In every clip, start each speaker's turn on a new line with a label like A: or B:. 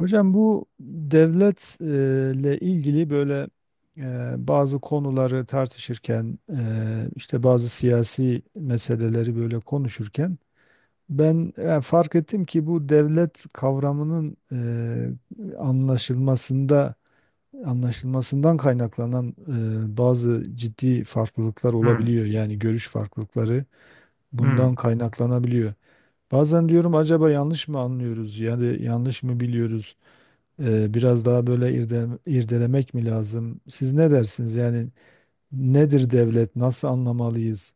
A: Hocam bu devletle ilgili böyle bazı konuları tartışırken işte bazı siyasi meseleleri böyle konuşurken ben fark ettim ki bu devlet kavramının anlaşılmasında anlaşılmasından kaynaklanan bazı ciddi farklılıklar
B: Hı,
A: olabiliyor. Yani görüş farklılıkları
B: hı.
A: bundan kaynaklanabiliyor. Bazen diyorum acaba yanlış mı anlıyoruz? Yani yanlış mı biliyoruz? Biraz daha böyle irdelemek mi lazım? Siz ne dersiniz? Yani nedir devlet? Nasıl anlamalıyız?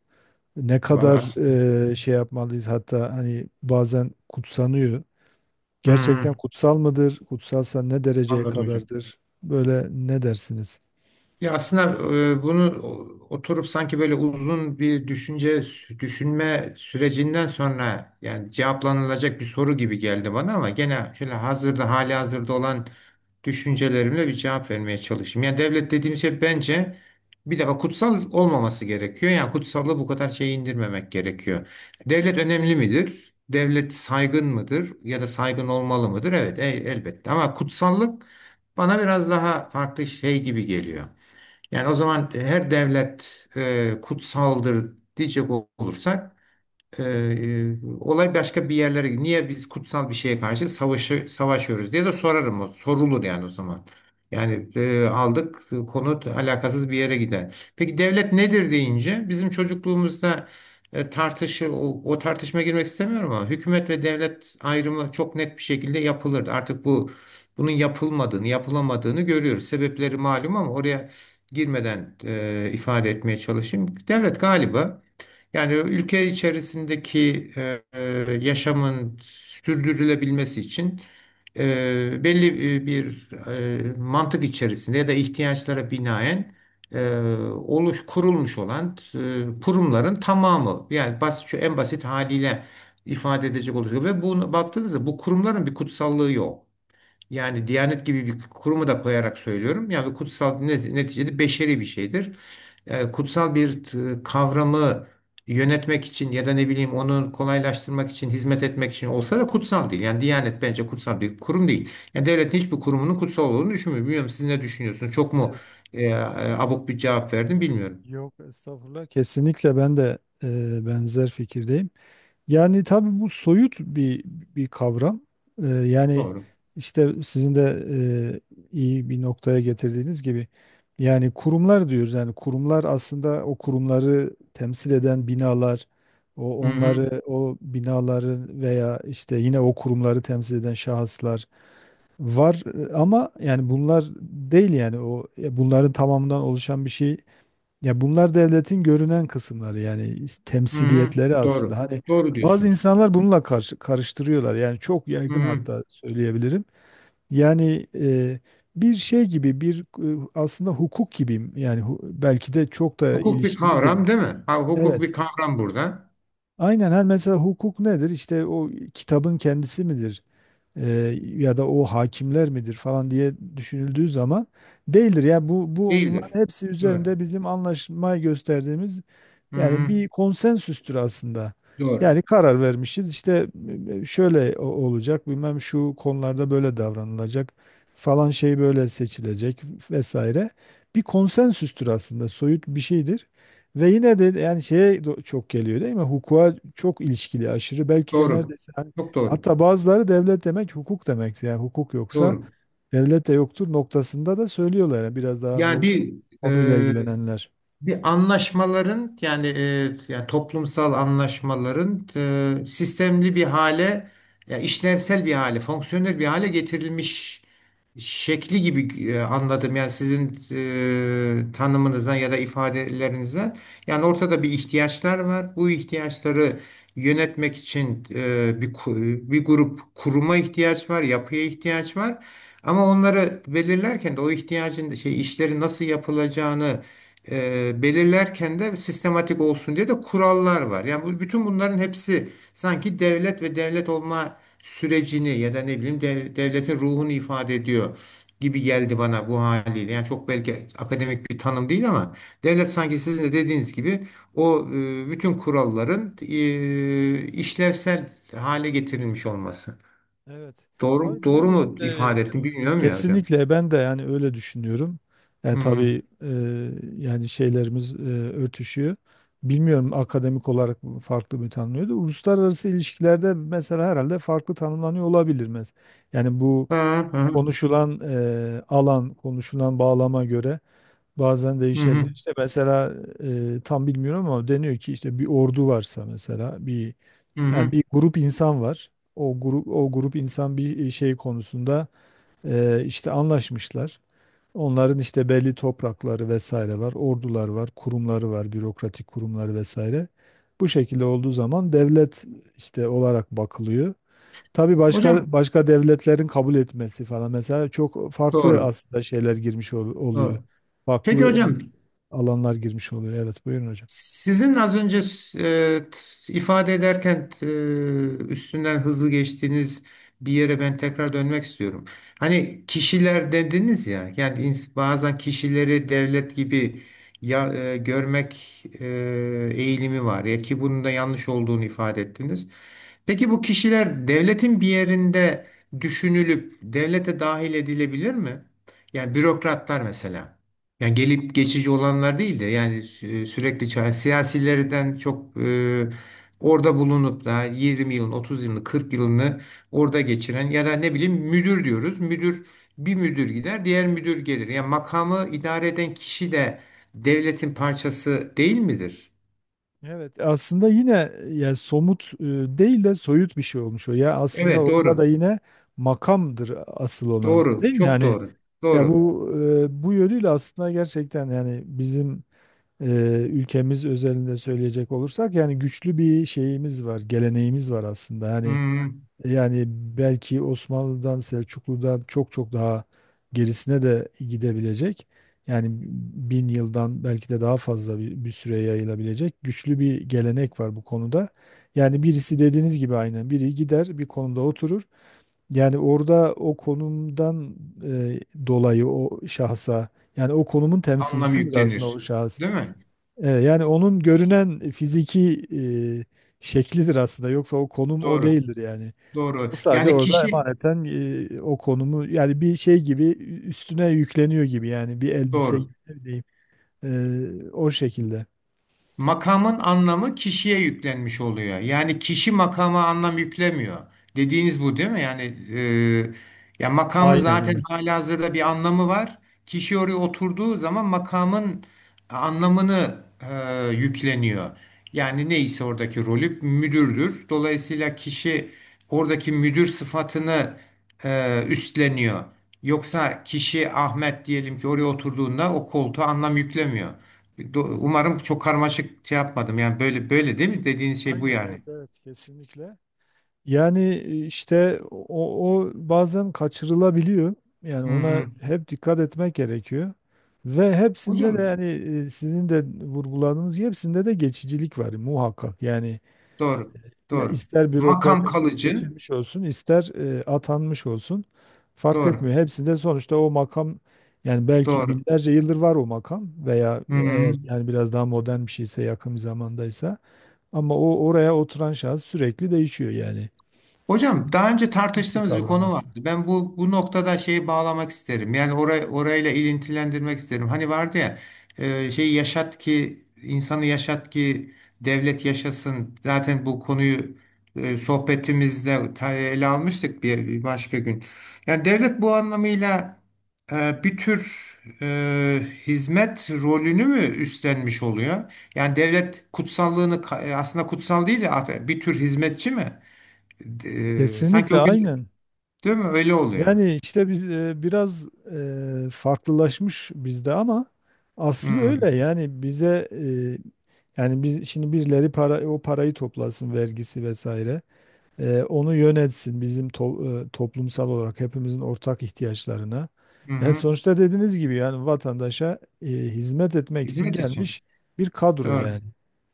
A: Ne
B: Vallahi
A: kadar
B: aslında-
A: şey yapmalıyız? Hatta hani bazen kutsanıyor.
B: hı, hı,
A: Gerçekten kutsal mıdır? Kutsalsa ne dereceye
B: anladım hocam.
A: kadardır? Böyle ne dersiniz?
B: Ya aslında bunu oturup sanki böyle uzun bir düşünme sürecinden sonra yani cevaplanılacak bir soru gibi geldi bana ama gene şöyle hali hazırda olan düşüncelerimle bir cevap vermeye çalışayım. Yani devlet dediğim şey bence bir defa kutsal olmaması gerekiyor. Yani kutsallığı bu kadar şey indirmemek gerekiyor. Devlet önemli midir? Devlet saygın mıdır? Ya da saygın olmalı mıdır? Evet, elbette. Ama kutsallık bana biraz daha farklı şey gibi geliyor. Yani o zaman her devlet kutsaldır diyecek olursak olay başka bir yerlere gidiyor. Niye biz kutsal bir şeye karşı savaşıyoruz diye de sorarım o. Sorulur yani o zaman. Yani aldık, konu alakasız bir yere gider. Peki devlet nedir deyince bizim çocukluğumuzda tartışır o tartışma girmek istemiyorum ama hükümet ve devlet ayrımı çok net bir şekilde yapılırdı. Artık bunun yapılmadığını, yapılamadığını görüyoruz. Sebepleri malum ama oraya girmeden ifade etmeye çalışayım. Devlet galiba yani ülke içerisindeki yaşamın sürdürülebilmesi için belli bir mantık içerisinde ya da ihtiyaçlara binaen e, kurulmuş olan kurumların tamamı, yani basit, şu en basit haliyle ifade edecek olursak ve bunu baktığınızda bu kurumların bir kutsallığı yok. Yani Diyanet gibi bir kurumu da koyarak söylüyorum. Yani kutsal, neticede beşeri bir şeydir. E, kutsal bir kavramı yönetmek için ya da ne bileyim onu kolaylaştırmak için, hizmet etmek için olsa da kutsal değil. Yani Diyanet bence kutsal bir kurum değil. Yani devletin hiçbir kurumunun kutsal olduğunu düşünmüyorum. Bilmiyorum, siz ne düşünüyorsunuz? Çok mu
A: Evet.
B: e, e, abuk bir cevap verdim, bilmiyorum.
A: Yok estağfurullah. Kesinlikle ben de benzer fikirdeyim. Yani tabii bu soyut bir kavram. Yani
B: Doğru.
A: işte sizin de e, iyi bir noktaya getirdiğiniz gibi yani kurumlar diyoruz. Yani kurumlar aslında o kurumları temsil eden binalar,
B: Hı hı.
A: onları o binaları veya işte yine o kurumları temsil eden şahıslar var. Ama yani bunlar değil yani o bunların tamamından oluşan bir şey, ya bunlar devletin görünen kısımları yani
B: Hı hı.
A: temsiliyetleri aslında.
B: Doğru.
A: Hani
B: Doğru
A: bazı
B: diyorsunuz.
A: insanlar bununla karıştırıyorlar. Yani çok
B: Hı
A: yaygın
B: hı.
A: hatta söyleyebilirim. Yani bir şey gibi bir aslında hukuk gibi yani belki de çok da
B: Hukuk bir
A: ilişkilidir.
B: kavram değil mi? Ha, hukuk
A: Evet.
B: bir kavram burada.
A: Aynen her mesela hukuk nedir? İşte o kitabın kendisi midir? E, Ya da o hakimler midir falan diye düşünüldüğü zaman değildir. Ya bu
B: Değildir.
A: onların hepsi
B: Doğru.
A: üzerinde bizim anlaşmayı gösterdiğimiz
B: Hı
A: yani
B: hı.
A: bir konsensüstür aslında.
B: Doğru.
A: Yani karar vermişiz işte şöyle olacak bilmem şu konularda böyle davranılacak falan şey böyle seçilecek vesaire. Bir konsensüstür aslında soyut bir şeydir. Ve yine de yani çok geliyor değil mi? Hukuka çok ilişkili aşırı belki de
B: Doğru.
A: neredeyse hani
B: Çok doğru.
A: hatta bazıları devlet demek hukuk demektir. Yani hukuk yoksa
B: Doğru.
A: devlet de yoktur noktasında da söylüyorlar. Yani biraz daha
B: Yani
A: bu
B: bir
A: konuyla
B: e,
A: ilgilenenler.
B: bir anlaşmaların, yani, yani toplumsal anlaşmaların sistemli bir hale, ya işlevsel bir hale, fonksiyonel bir hale getirilmiş şekli gibi anladım. Yani sizin tanımınızdan ya da ifadelerinizden. Yani ortada bir ihtiyaçlar var. Bu ihtiyaçları yönetmek için bir bir grup kuruma ihtiyaç var, yapıya ihtiyaç var. Ama onları belirlerken de o ihtiyacın şey, işleri nasıl yapılacağını belirlerken de sistematik olsun diye de kurallar var. Yani bu, bütün bunların hepsi sanki devlet ve devlet olma sürecini ya da ne bileyim devletin ruhunu ifade ediyor gibi geldi bana bu haliyle. Yani çok belki akademik bir tanım değil ama devlet sanki sizin de dediğiniz gibi o bütün kuralların işlevsel hale getirilmiş olması.
A: Evet.
B: Doğru
A: Tabii
B: doğru
A: bunu
B: mu ifade ettim bilmiyorum ya hocam.
A: kesinlikle ben de yani öyle düşünüyorum.
B: Hmm.
A: Tabii yani şeylerimiz örtüşüyor. Bilmiyorum akademik olarak bu farklı mı tanımlıyordu. Uluslararası ilişkilerde mesela herhalde farklı tanımlanıyor olabilir. Yani bu
B: Ha, ha,
A: konuşulan alan, konuşulan bağlama göre bazen
B: hı
A: değişebilir.
B: hı,
A: İşte mesela tam bilmiyorum ama deniyor ki işte bir ordu varsa mesela bir
B: hı hı.
A: yani bir grup insan var. O grup insan bir şey konusunda işte anlaşmışlar. Onların işte belli toprakları vesaire var, ordular var, kurumları var, bürokratik kurumları vesaire. Bu şekilde olduğu zaman devlet işte olarak bakılıyor. Tabii başka
B: Hocam
A: başka devletlerin kabul etmesi falan mesela çok farklı
B: doğru.
A: aslında şeyler oluyor.
B: Doğru. Peki
A: Farklı
B: hocam,
A: alanlar girmiş oluyor. Evet, buyurun hocam.
B: sizin az önce e, ifade ederken üstünden hızlı geçtiğiniz bir yere ben tekrar dönmek istiyorum. Hani kişiler dediniz ya, yani bazen kişileri devlet gibi ya, görmek eğilimi var ya, ki bunun da yanlış olduğunu ifade ettiniz. Peki bu kişiler devletin bir yerinde düşünülüp devlete dahil edilebilir mi? Yani bürokratlar mesela. Yani gelip geçici olanlar değil de yani sürekli, siyasilerden çok orada bulunup da 20 yılın, 30 yılını, 40 yılını orada geçiren ya da ne bileyim müdür diyoruz. Müdür, bir müdür gider, diğer müdür gelir. Yani makamı idare eden kişi de devletin parçası değil midir?
A: Evet, aslında yine yani somut değil de soyut bir şey olmuş o. Ya aslında
B: Evet,
A: orada da
B: doğru.
A: yine makamdır asıl olan,
B: Doğru.
A: değil mi?
B: Çok
A: Yani
B: doğru.
A: ya
B: Doğru.
A: bu bu yönüyle aslında gerçekten yani bizim e, ülkemiz özelinde söyleyecek olursak yani güçlü bir şeyimiz var, geleneğimiz var aslında. Yani
B: Hmm,
A: yani belki Osmanlı'dan, Selçuklu'dan çok çok daha gerisine de gidebilecek. Yani bin yıldan belki de daha fazla bir süre yayılabilecek güçlü bir gelenek var bu konuda. Yani birisi dediğiniz gibi aynen biri gider bir konuda oturur. Yani orada o konumdan e, dolayı o şahsa yani o konumun
B: anlam
A: temsilcisidir aslında o
B: yüklenir.
A: şahıs.
B: Değil mi?
A: Yani onun görünen fiziki şeklidir aslında. Yoksa o konum o
B: Doğru.
A: değildir yani.
B: Doğru.
A: O sadece
B: Yani
A: orada
B: kişi
A: emaneten o konumu yani bir şey gibi üstüne yükleniyor gibi yani bir elbise gibi
B: doğru.
A: ne bileyim. O şekilde.
B: Makamın anlamı kişiye yüklenmiş oluyor. Yani kişi makama anlam yüklemiyor. Dediğiniz bu değil mi? Yani e, ya, makamın
A: Aynen
B: zaten
A: evet.
B: halihazırda bir anlamı var. Kişi oraya oturduğu zaman makamın anlamını yükleniyor. Yani neyse, oradaki rolü müdürdür. Dolayısıyla kişi oradaki müdür sıfatını üstleniyor. Yoksa kişi Ahmet diyelim ki oraya oturduğunda o koltuğa anlam yüklemiyor. Umarım çok karmaşık şey yapmadım. Yani böyle, böyle değil mi? Dediğiniz şey bu
A: Aynen
B: yani.
A: evet, evet, kesinlikle. Yani işte o bazen kaçırılabiliyor. Yani
B: Hı
A: ona
B: hı.
A: hep dikkat etmek gerekiyor. Ve hepsinde de
B: Hocam
A: yani sizin de vurguladığınız gibi hepsinde de geçicilik var muhakkak. Yani
B: doğru.
A: ya
B: Doğru.
A: ister bürokrat
B: Makam
A: olsun,
B: kalıcı.
A: seçilmiş olsun, ister atanmış olsun fark
B: Doğru.
A: etmiyor. Hepsinde sonuçta o makam yani belki
B: Doğru.
A: binlerce yıldır var o makam veya
B: Hı
A: eğer
B: hı.
A: yani biraz daha modern bir şeyse yakın bir zamandaysa ama o oraya oturan şahıs sürekli değişiyor yani.
B: Hocam, daha önce
A: Hiçbir
B: tartıştığımız bir
A: kavram
B: konu vardı.
A: aslında.
B: Ben bu noktada şeyi bağlamak isterim. Yani orayı orayla ilintilendirmek isterim. Hani vardı ya, şey, yaşat ki insanı, yaşat ki devlet yaşasın. Zaten bu konuyu sohbetimizde ele almıştık bir, bir başka gün. Yani devlet bu anlamıyla bir tür hizmet rolünü mü üstlenmiş oluyor? Yani devlet kutsallığını aslında kutsal değil de bir tür hizmetçi mi? E, sanki
A: Kesinlikle
B: o gün,
A: aynen.
B: değil mi? Öyle oluyor.
A: Yani işte biz biraz farklılaşmış bizde ama aslı
B: Hmm.
A: öyle. Yani bize yani biz şimdi birileri para parayı toplasın vergisi vesaire. Onu yönetsin bizim toplumsal olarak hepimizin ortak ihtiyaçlarına.
B: Hı
A: Yani
B: hı.
A: sonuçta dediğiniz gibi yani vatandaşa hizmet etmek için
B: Hizmet için.
A: gelmiş bir kadro
B: Doğru.
A: yani.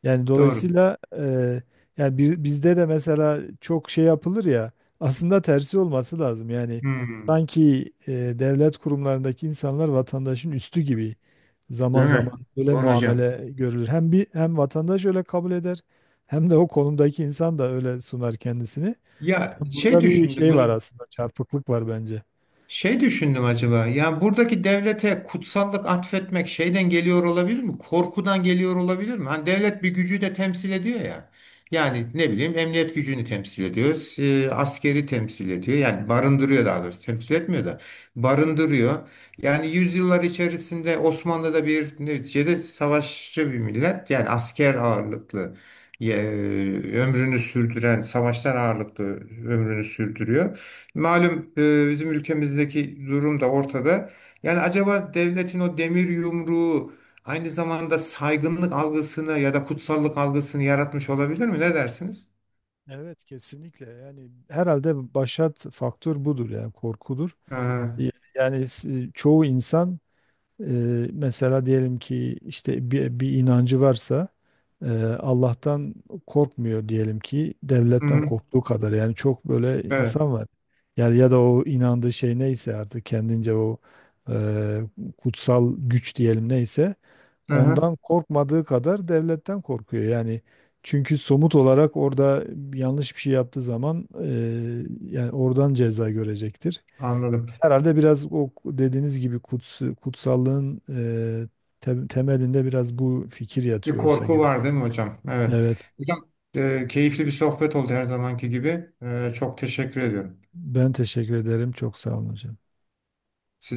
A: Yani
B: Doğru.
A: dolayısıyla yani bizde de mesela çok şey yapılır ya aslında tersi olması lazım. Yani
B: Hmm.
A: sanki devlet kurumlarındaki insanlar vatandaşın üstü gibi zaman
B: Değil mi?
A: zaman böyle
B: Doğru hocam.
A: muamele görülür. Hem bir hem vatandaş öyle kabul eder. Hem de o konumdaki insan da öyle sunar kendisini.
B: Ya şey
A: Burada bir
B: düşündüm
A: şey var
B: hocam.
A: aslında, çarpıklık var bence.
B: Şey düşündüm acaba. Yani buradaki devlete kutsallık atfetmek şeyden geliyor olabilir mi? Korkudan geliyor olabilir mi? Hani devlet bir gücü de temsil ediyor ya. Yani ne bileyim, emniyet gücünü temsil ediyor, askeri temsil ediyor. Yani barındırıyor daha doğrusu. Temsil etmiyor da barındırıyor. Yani yüzyıllar içerisinde Osmanlı'da bir neticede savaşçı bir millet. Yani asker ağırlıklı e, ömrünü sürdüren, savaşlar ağırlıklı ömrünü sürdürüyor. Malum, bizim ülkemizdeki durum da ortada. Yani acaba devletin o demir yumruğu aynı zamanda saygınlık algısını ya da kutsallık algısını yaratmış olabilir mi? Ne dersiniz?
A: Evet, kesinlikle. Yani herhalde başat faktör budur yani korkudur.
B: Aha.
A: Yani çoğu insan mesela diyelim ki işte bir inancı varsa eee, Allah'tan korkmuyor diyelim ki
B: Hı
A: devletten
B: hı.
A: korktuğu kadar yani çok böyle
B: Evet.
A: insan var. Yani ya da o inandığı şey neyse artık kendince o eee, kutsal güç diyelim neyse
B: Aha.
A: ondan korkmadığı kadar devletten korkuyor. Yani çünkü somut olarak orada yanlış bir şey yaptığı zaman yani oradan ceza görecektir.
B: Anladım.
A: Herhalde biraz o dediğiniz gibi kutsallığın e, temelinde biraz bu fikir
B: Bir
A: yatıyor olsa
B: korku
A: gerek.
B: var değil mi hocam? Evet.
A: Evet.
B: Hocam, keyifli bir sohbet oldu her zamanki gibi. E, çok teşekkür ediyorum.
A: Ben teşekkür ederim. Çok sağ olun hocam.